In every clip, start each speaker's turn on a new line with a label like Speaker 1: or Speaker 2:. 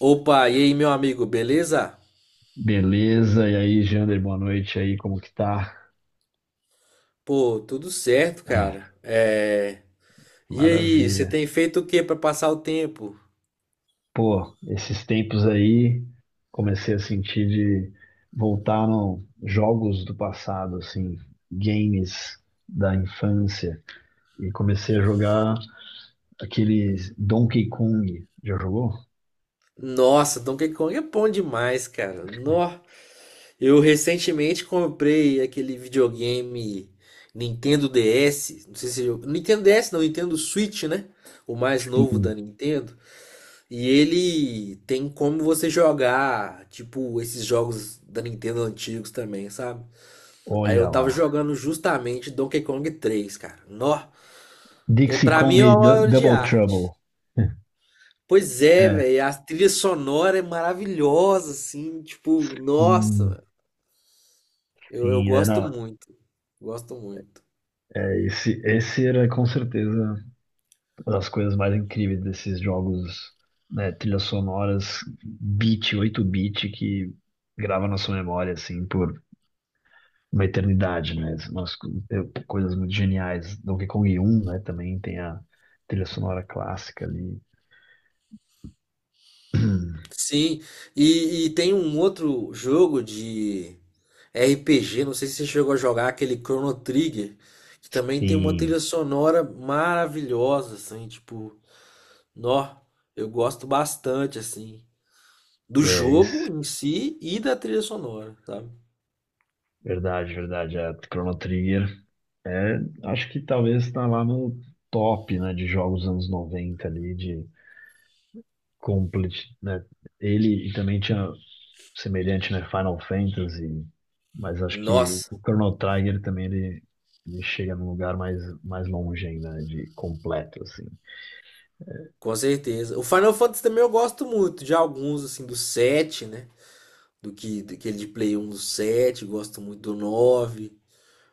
Speaker 1: Opa, e aí, meu amigo, beleza?
Speaker 2: Beleza, e aí, Jander, boa noite aí, como que tá?
Speaker 1: Pô, tudo certo,
Speaker 2: Ah,
Speaker 1: cara. E aí, você
Speaker 2: maravilha.
Speaker 1: tem feito o que pra passar o tempo?
Speaker 2: Pô, esses tempos aí, comecei a sentir de voltar no jogos do passado, assim, games da infância, e comecei a jogar aqueles Donkey Kong. Já jogou?
Speaker 1: Nossa, Donkey Kong é bom demais, cara. Nó. Eu recentemente comprei aquele videogame Nintendo DS, não sei se eu... Nintendo DS não, Nintendo Switch, né? O mais novo da
Speaker 2: Sim,
Speaker 1: Nintendo. E ele tem como você jogar, tipo, esses jogos da Nintendo antigos também, sabe? Aí
Speaker 2: olha
Speaker 1: eu tava
Speaker 2: lá.
Speaker 1: jogando justamente Donkey Kong três, cara. Nó. É,
Speaker 2: Dixie
Speaker 1: pra mim
Speaker 2: Kong
Speaker 1: é uma
Speaker 2: e
Speaker 1: obra de
Speaker 2: Double
Speaker 1: arte.
Speaker 2: Trouble.
Speaker 1: Pois é,
Speaker 2: É,
Speaker 1: velho. A trilha sonora é maravilhosa, assim. Tipo, nossa,
Speaker 2: sim,
Speaker 1: velho. Eu
Speaker 2: sim,
Speaker 1: gosto
Speaker 2: era,
Speaker 1: muito. Gosto muito.
Speaker 2: é, esse era com certeza uma das coisas mais incríveis desses jogos, né, trilhas sonoras, bit, oito bit que grava na sua memória, assim, por uma eternidade, né? Coisas muito geniais. Donkey Kong um, né, também tem a trilha sonora clássica ali.
Speaker 1: Sim. E tem um outro jogo de RPG. Não sei se você chegou a jogar aquele Chrono Trigger, que também tem uma
Speaker 2: E
Speaker 1: trilha sonora maravilhosa, assim. Tipo, nó. Eu gosto bastante, assim, do
Speaker 2: é
Speaker 1: jogo
Speaker 2: isso.
Speaker 1: em si e da trilha sonora, sabe?
Speaker 2: Verdade, verdade. É, Chrono Trigger. É, acho que talvez tá lá no top, né, de jogos dos anos 90 ali, de complete, né? Ele e também tinha semelhante, né? Final Fantasy, mas acho que o
Speaker 1: Nossa,
Speaker 2: o Chrono Trigger também ele chega num lugar mais longe ainda, né? De completo, assim.
Speaker 1: com certeza. O Final Fantasy também eu gosto muito de alguns, assim, do 7, né? Do que daquele de Play 1 do 7, gosto muito do 9,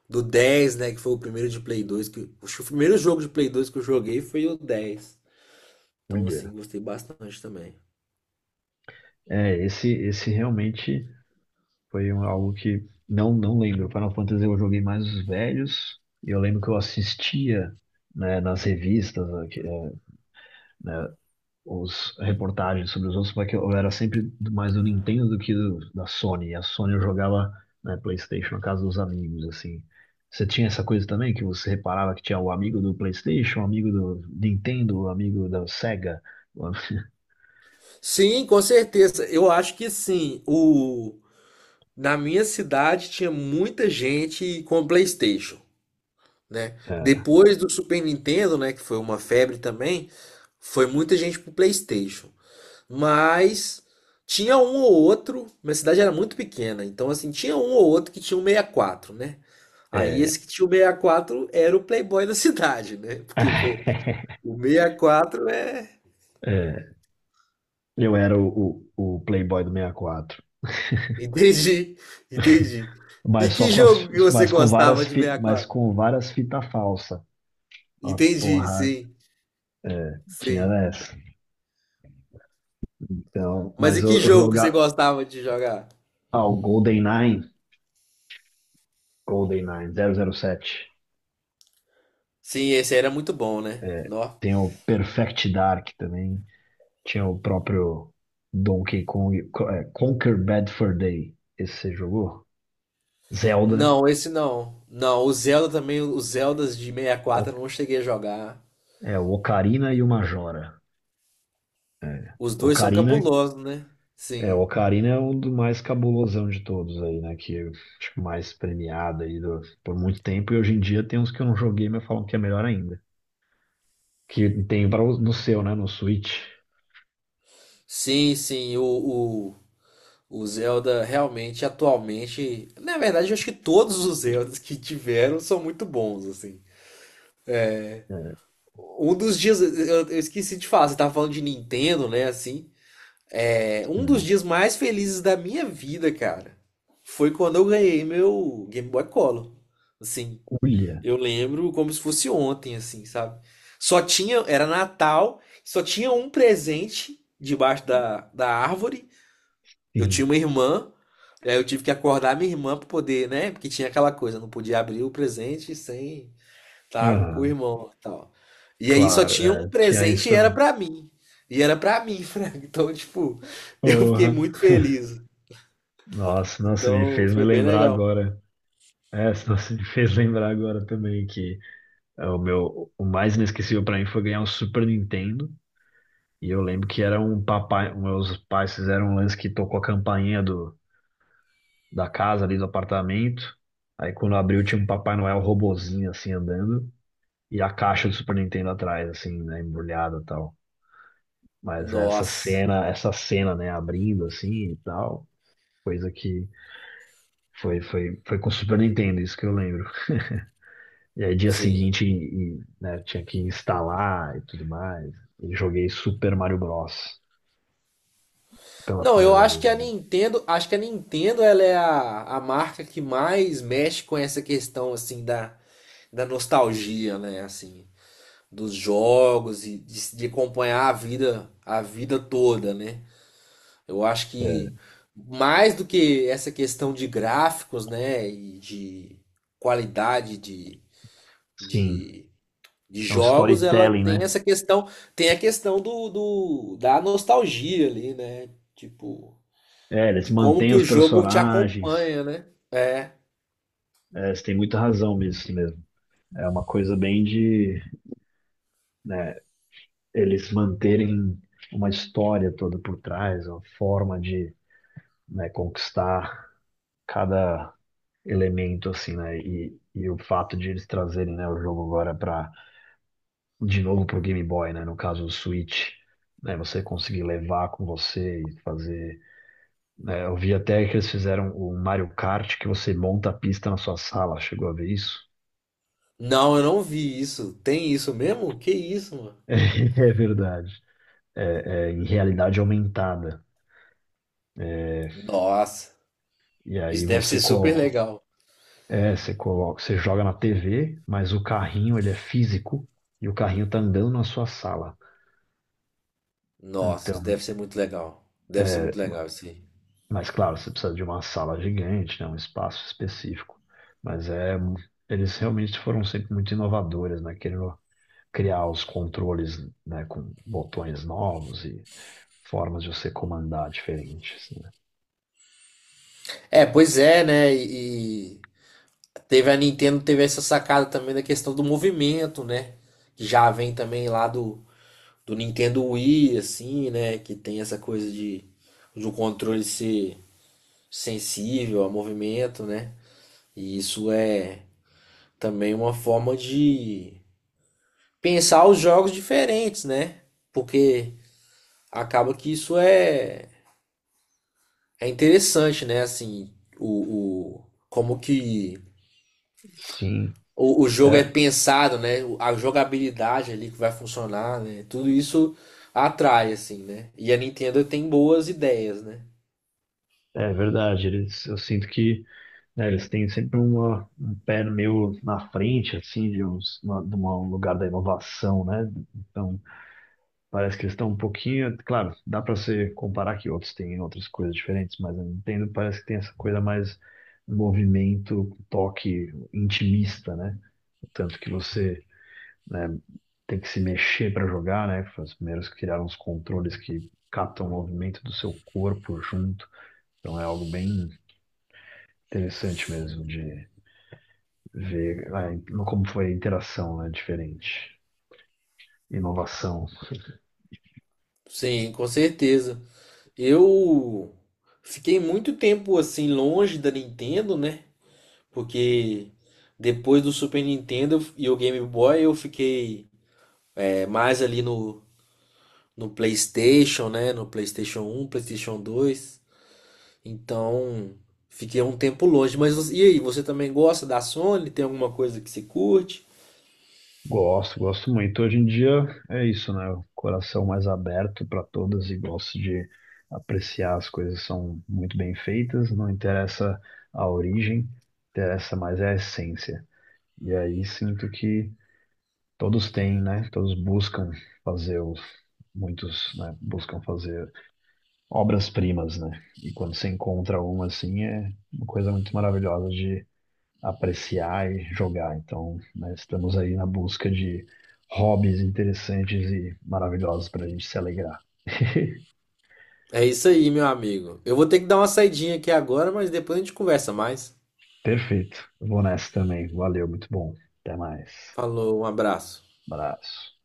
Speaker 1: do 10, né? Que foi o primeiro de Play 2. Que, acho que o primeiro jogo de Play 2 que eu joguei foi o dez. Então, assim,
Speaker 2: Olha,
Speaker 1: gostei bastante também.
Speaker 2: é, esse realmente foi algo que não, não lembro. Final Fantasy eu joguei mais os velhos, e eu lembro que eu assistia, né, nas revistas, né, os reportagens sobre os outros, porque eu era sempre mais do Nintendo do da Sony. E a Sony eu jogava na PlayStation, na casa dos amigos, assim. Você tinha essa coisa também que você reparava que tinha o amigo do PlayStation, o amigo do Nintendo, o amigo da Sega.
Speaker 1: Sim, com certeza. Eu acho que sim. Na minha cidade tinha muita gente com PlayStation, né? Depois do Super Nintendo, né, que foi uma febre também, foi muita gente pro PlayStation. Mas tinha um ou outro, minha cidade era muito pequena, então assim, tinha um ou outro que tinha um 64, né? Aí esse
Speaker 2: É,
Speaker 1: que tinha o 64 era o playboy da cidade, né?
Speaker 2: é,
Speaker 1: Porque, pô, o 64 é...
Speaker 2: é. Eu era o Playboy do 64.
Speaker 1: Entendi, entendi. E
Speaker 2: Mas só
Speaker 1: que
Speaker 2: com as,
Speaker 1: jogo que você
Speaker 2: mas com
Speaker 1: gostava
Speaker 2: várias,
Speaker 1: de
Speaker 2: mas
Speaker 1: 64?
Speaker 2: com várias fita falsa. Ó,
Speaker 1: Entendi,
Speaker 2: porra,
Speaker 1: sim,
Speaker 2: é, tinha
Speaker 1: sim.
Speaker 2: essa. Então,
Speaker 1: Mas
Speaker 2: mas
Speaker 1: e que
Speaker 2: eu
Speaker 1: jogo que você
Speaker 2: jogar.
Speaker 1: gostava de jogar?
Speaker 2: Ah, o GoldenEye, GoldenEye 007.
Speaker 1: Sim, esse aí era muito bom, né?
Speaker 2: É,
Speaker 1: Nó.
Speaker 2: tem o Perfect Dark também. Tinha o próprio Donkey Kong. É, Conquer Bad Fur Day. Esse você jogou? Zelda.
Speaker 1: Não, esse não. Não, o Zelda também, os Zeldas de 64
Speaker 2: O,
Speaker 1: eu não cheguei a jogar.
Speaker 2: é, o Ocarina e o Majora.
Speaker 1: Os dois são
Speaker 2: Ocarina.
Speaker 1: cabulosos, né?
Speaker 2: É, o
Speaker 1: Sim.
Speaker 2: Ocarina é um do mais cabulosão de todos aí, né? Que acho que mais premiado aí por muito tempo. E hoje em dia tem uns que eu não joguei, mas falam que é melhor ainda. Que tem para no seu, né? No Switch.
Speaker 1: Sim, sim, o, o Zelda realmente, atualmente... Na verdade, eu acho que todos os Zeldas que tiveram são muito bons, assim.
Speaker 2: Né.
Speaker 1: Um dos dias, eu esqueci de falar, você tava falando de Nintendo, né, assim. É, um dos
Speaker 2: Hum.
Speaker 1: dias mais felizes da minha vida, cara, foi quando eu ganhei meu Game Boy Color. Assim,
Speaker 2: Ulha,
Speaker 1: eu lembro como se fosse ontem, assim, sabe? Só tinha, era Natal, só tinha um presente debaixo da árvore. Eu
Speaker 2: sim.
Speaker 1: tinha uma irmã, aí eu tive que acordar minha irmã pra poder, né? Porque tinha aquela coisa, não podia abrir o presente sem tá com o
Speaker 2: Aham,
Speaker 1: irmão e tal. E aí só
Speaker 2: claro,
Speaker 1: tinha um
Speaker 2: é, tinha isso
Speaker 1: presente e era
Speaker 2: também.
Speaker 1: pra mim. E era pra mim, Frank. Então, tipo, eu fiquei
Speaker 2: Porra.
Speaker 1: muito feliz.
Speaker 2: Nossa, nossa, me
Speaker 1: Então,
Speaker 2: fez me
Speaker 1: foi bem
Speaker 2: lembrar
Speaker 1: legal.
Speaker 2: agora. É, nossa, me fez lembrar agora também que é, o meu, o mais inesquecível pra mim foi ganhar um Super Nintendo. E eu lembro que era um papai, meus pais fizeram um lance que tocou a campainha do, da casa ali do apartamento. Aí quando abriu tinha um Papai Noel robozinho assim andando e a caixa do Super Nintendo atrás, assim, né, embrulhada e tal. Mas essa
Speaker 1: Nossa,
Speaker 2: cena, essa cena, né, abrindo assim e tal, coisa que foi com o Super Nintendo, isso que eu lembro. E aí dia
Speaker 1: sim.
Speaker 2: seguinte, né, tinha que instalar e tudo mais. E joguei Super Mario Bros. Pela
Speaker 1: Não, eu
Speaker 2: primeira
Speaker 1: acho que a
Speaker 2: vez.
Speaker 1: Nintendo, acho que a Nintendo ela é a marca que mais mexe com essa questão assim da, da nostalgia, né, assim, dos jogos e de acompanhar a vida toda, né? Eu acho
Speaker 2: É,
Speaker 1: que mais do que essa questão de gráficos, né, e de qualidade
Speaker 2: sim,
Speaker 1: de, de
Speaker 2: é um
Speaker 1: jogos, ela
Speaker 2: storytelling,
Speaker 1: tem
Speaker 2: né?
Speaker 1: essa questão, tem a questão do, do da nostalgia ali, né? Tipo,
Speaker 2: É, eles
Speaker 1: de como
Speaker 2: mantêm
Speaker 1: que
Speaker 2: os
Speaker 1: o jogo te
Speaker 2: personagens.
Speaker 1: acompanha, né? É.
Speaker 2: É, você tem muita razão nisso mesmo. É uma coisa bem de, né, eles manterem uma história toda por trás, uma forma de, né, conquistar cada elemento, assim, né? E o fato de eles trazerem, né, o jogo agora para de novo pro Game Boy, né? No caso, o Switch, né? Você conseguir levar com você e fazer. Né, eu vi até que eles fizeram o Mario Kart que você monta a pista na sua sala. Chegou a ver isso?
Speaker 1: Não, eu não vi isso. Tem isso mesmo? Que isso, mano?
Speaker 2: É verdade. É, é, em realidade aumentada. É,
Speaker 1: Nossa,
Speaker 2: e
Speaker 1: isso
Speaker 2: aí
Speaker 1: deve
Speaker 2: você
Speaker 1: ser super
Speaker 2: coloca,
Speaker 1: legal.
Speaker 2: é, você coloca, você joga na TV, mas o carrinho ele é físico e o carrinho tá andando na sua sala.
Speaker 1: Nossa,
Speaker 2: Então
Speaker 1: isso deve ser muito legal. Deve ser
Speaker 2: é,
Speaker 1: muito legal isso aí.
Speaker 2: mas claro, você precisa de uma sala gigante, né, um espaço específico. Mas é, eles realmente foram sempre muito inovadores, né, querendo criar os controles, né, com botões novos e formas de você comandar diferentes, né.
Speaker 1: É, pois é, né? E teve a Nintendo, teve essa sacada também da questão do movimento, né? Que já vem também lá do, do Nintendo Wii, assim, né? Que tem essa coisa de um controle ser sensível ao movimento, né? E isso é também uma forma de pensar os jogos diferentes, né? Porque acaba que isso é, é interessante, né? Assim, o como que
Speaker 2: Sim,
Speaker 1: o jogo é
Speaker 2: é,
Speaker 1: pensado, né? A jogabilidade ali que vai funcionar, né? Tudo isso atrai, assim, né? E a Nintendo tem boas ideias, né?
Speaker 2: é verdade. Eles, eu sinto que, né, eles têm sempre uma, um pé meio na frente, assim, de, uns, uma, de um lugar da inovação, né? Então parece que eles estão um pouquinho, claro, dá para se comparar que outros têm outras coisas diferentes, mas a Nintendo parece que tem essa coisa mais movimento, toque intimista, né? Tanto que você, né, tem que se mexer para jogar, né? Foi os primeiros que criaram os controles que captam o movimento do seu corpo junto. Então é algo bem interessante mesmo de ver ah, como foi a interação, né? Diferente. Inovação.
Speaker 1: Sim, com certeza. Eu fiquei muito tempo assim longe da Nintendo, né? Porque depois do Super Nintendo e o Game Boy eu fiquei é, mais ali no, no PlayStation, né? No PlayStation 1, PlayStation 2. Então fiquei um tempo longe. Mas e aí, você também gosta da Sony? Tem alguma coisa que se curte?
Speaker 2: Gosto, gosto muito. Hoje em dia é isso, né? O coração mais aberto para todas e gosto de apreciar as coisas que são muito bem feitas, não interessa a origem, interessa mais é a essência. E aí sinto que todos têm, né? Todos buscam fazer os, muitos, né? Buscam fazer obras-primas, né? E quando você encontra uma assim, é uma coisa muito maravilhosa apreciar e jogar. Então, né, estamos aí na busca de hobbies interessantes e maravilhosos para a gente se alegrar.
Speaker 1: É isso aí, meu amigo. Eu vou ter que dar uma saidinha aqui agora, mas depois a gente conversa mais.
Speaker 2: Perfeito. Vou nessa também. Valeu, muito bom. Até mais.
Speaker 1: Falou, um abraço.
Speaker 2: Abraço.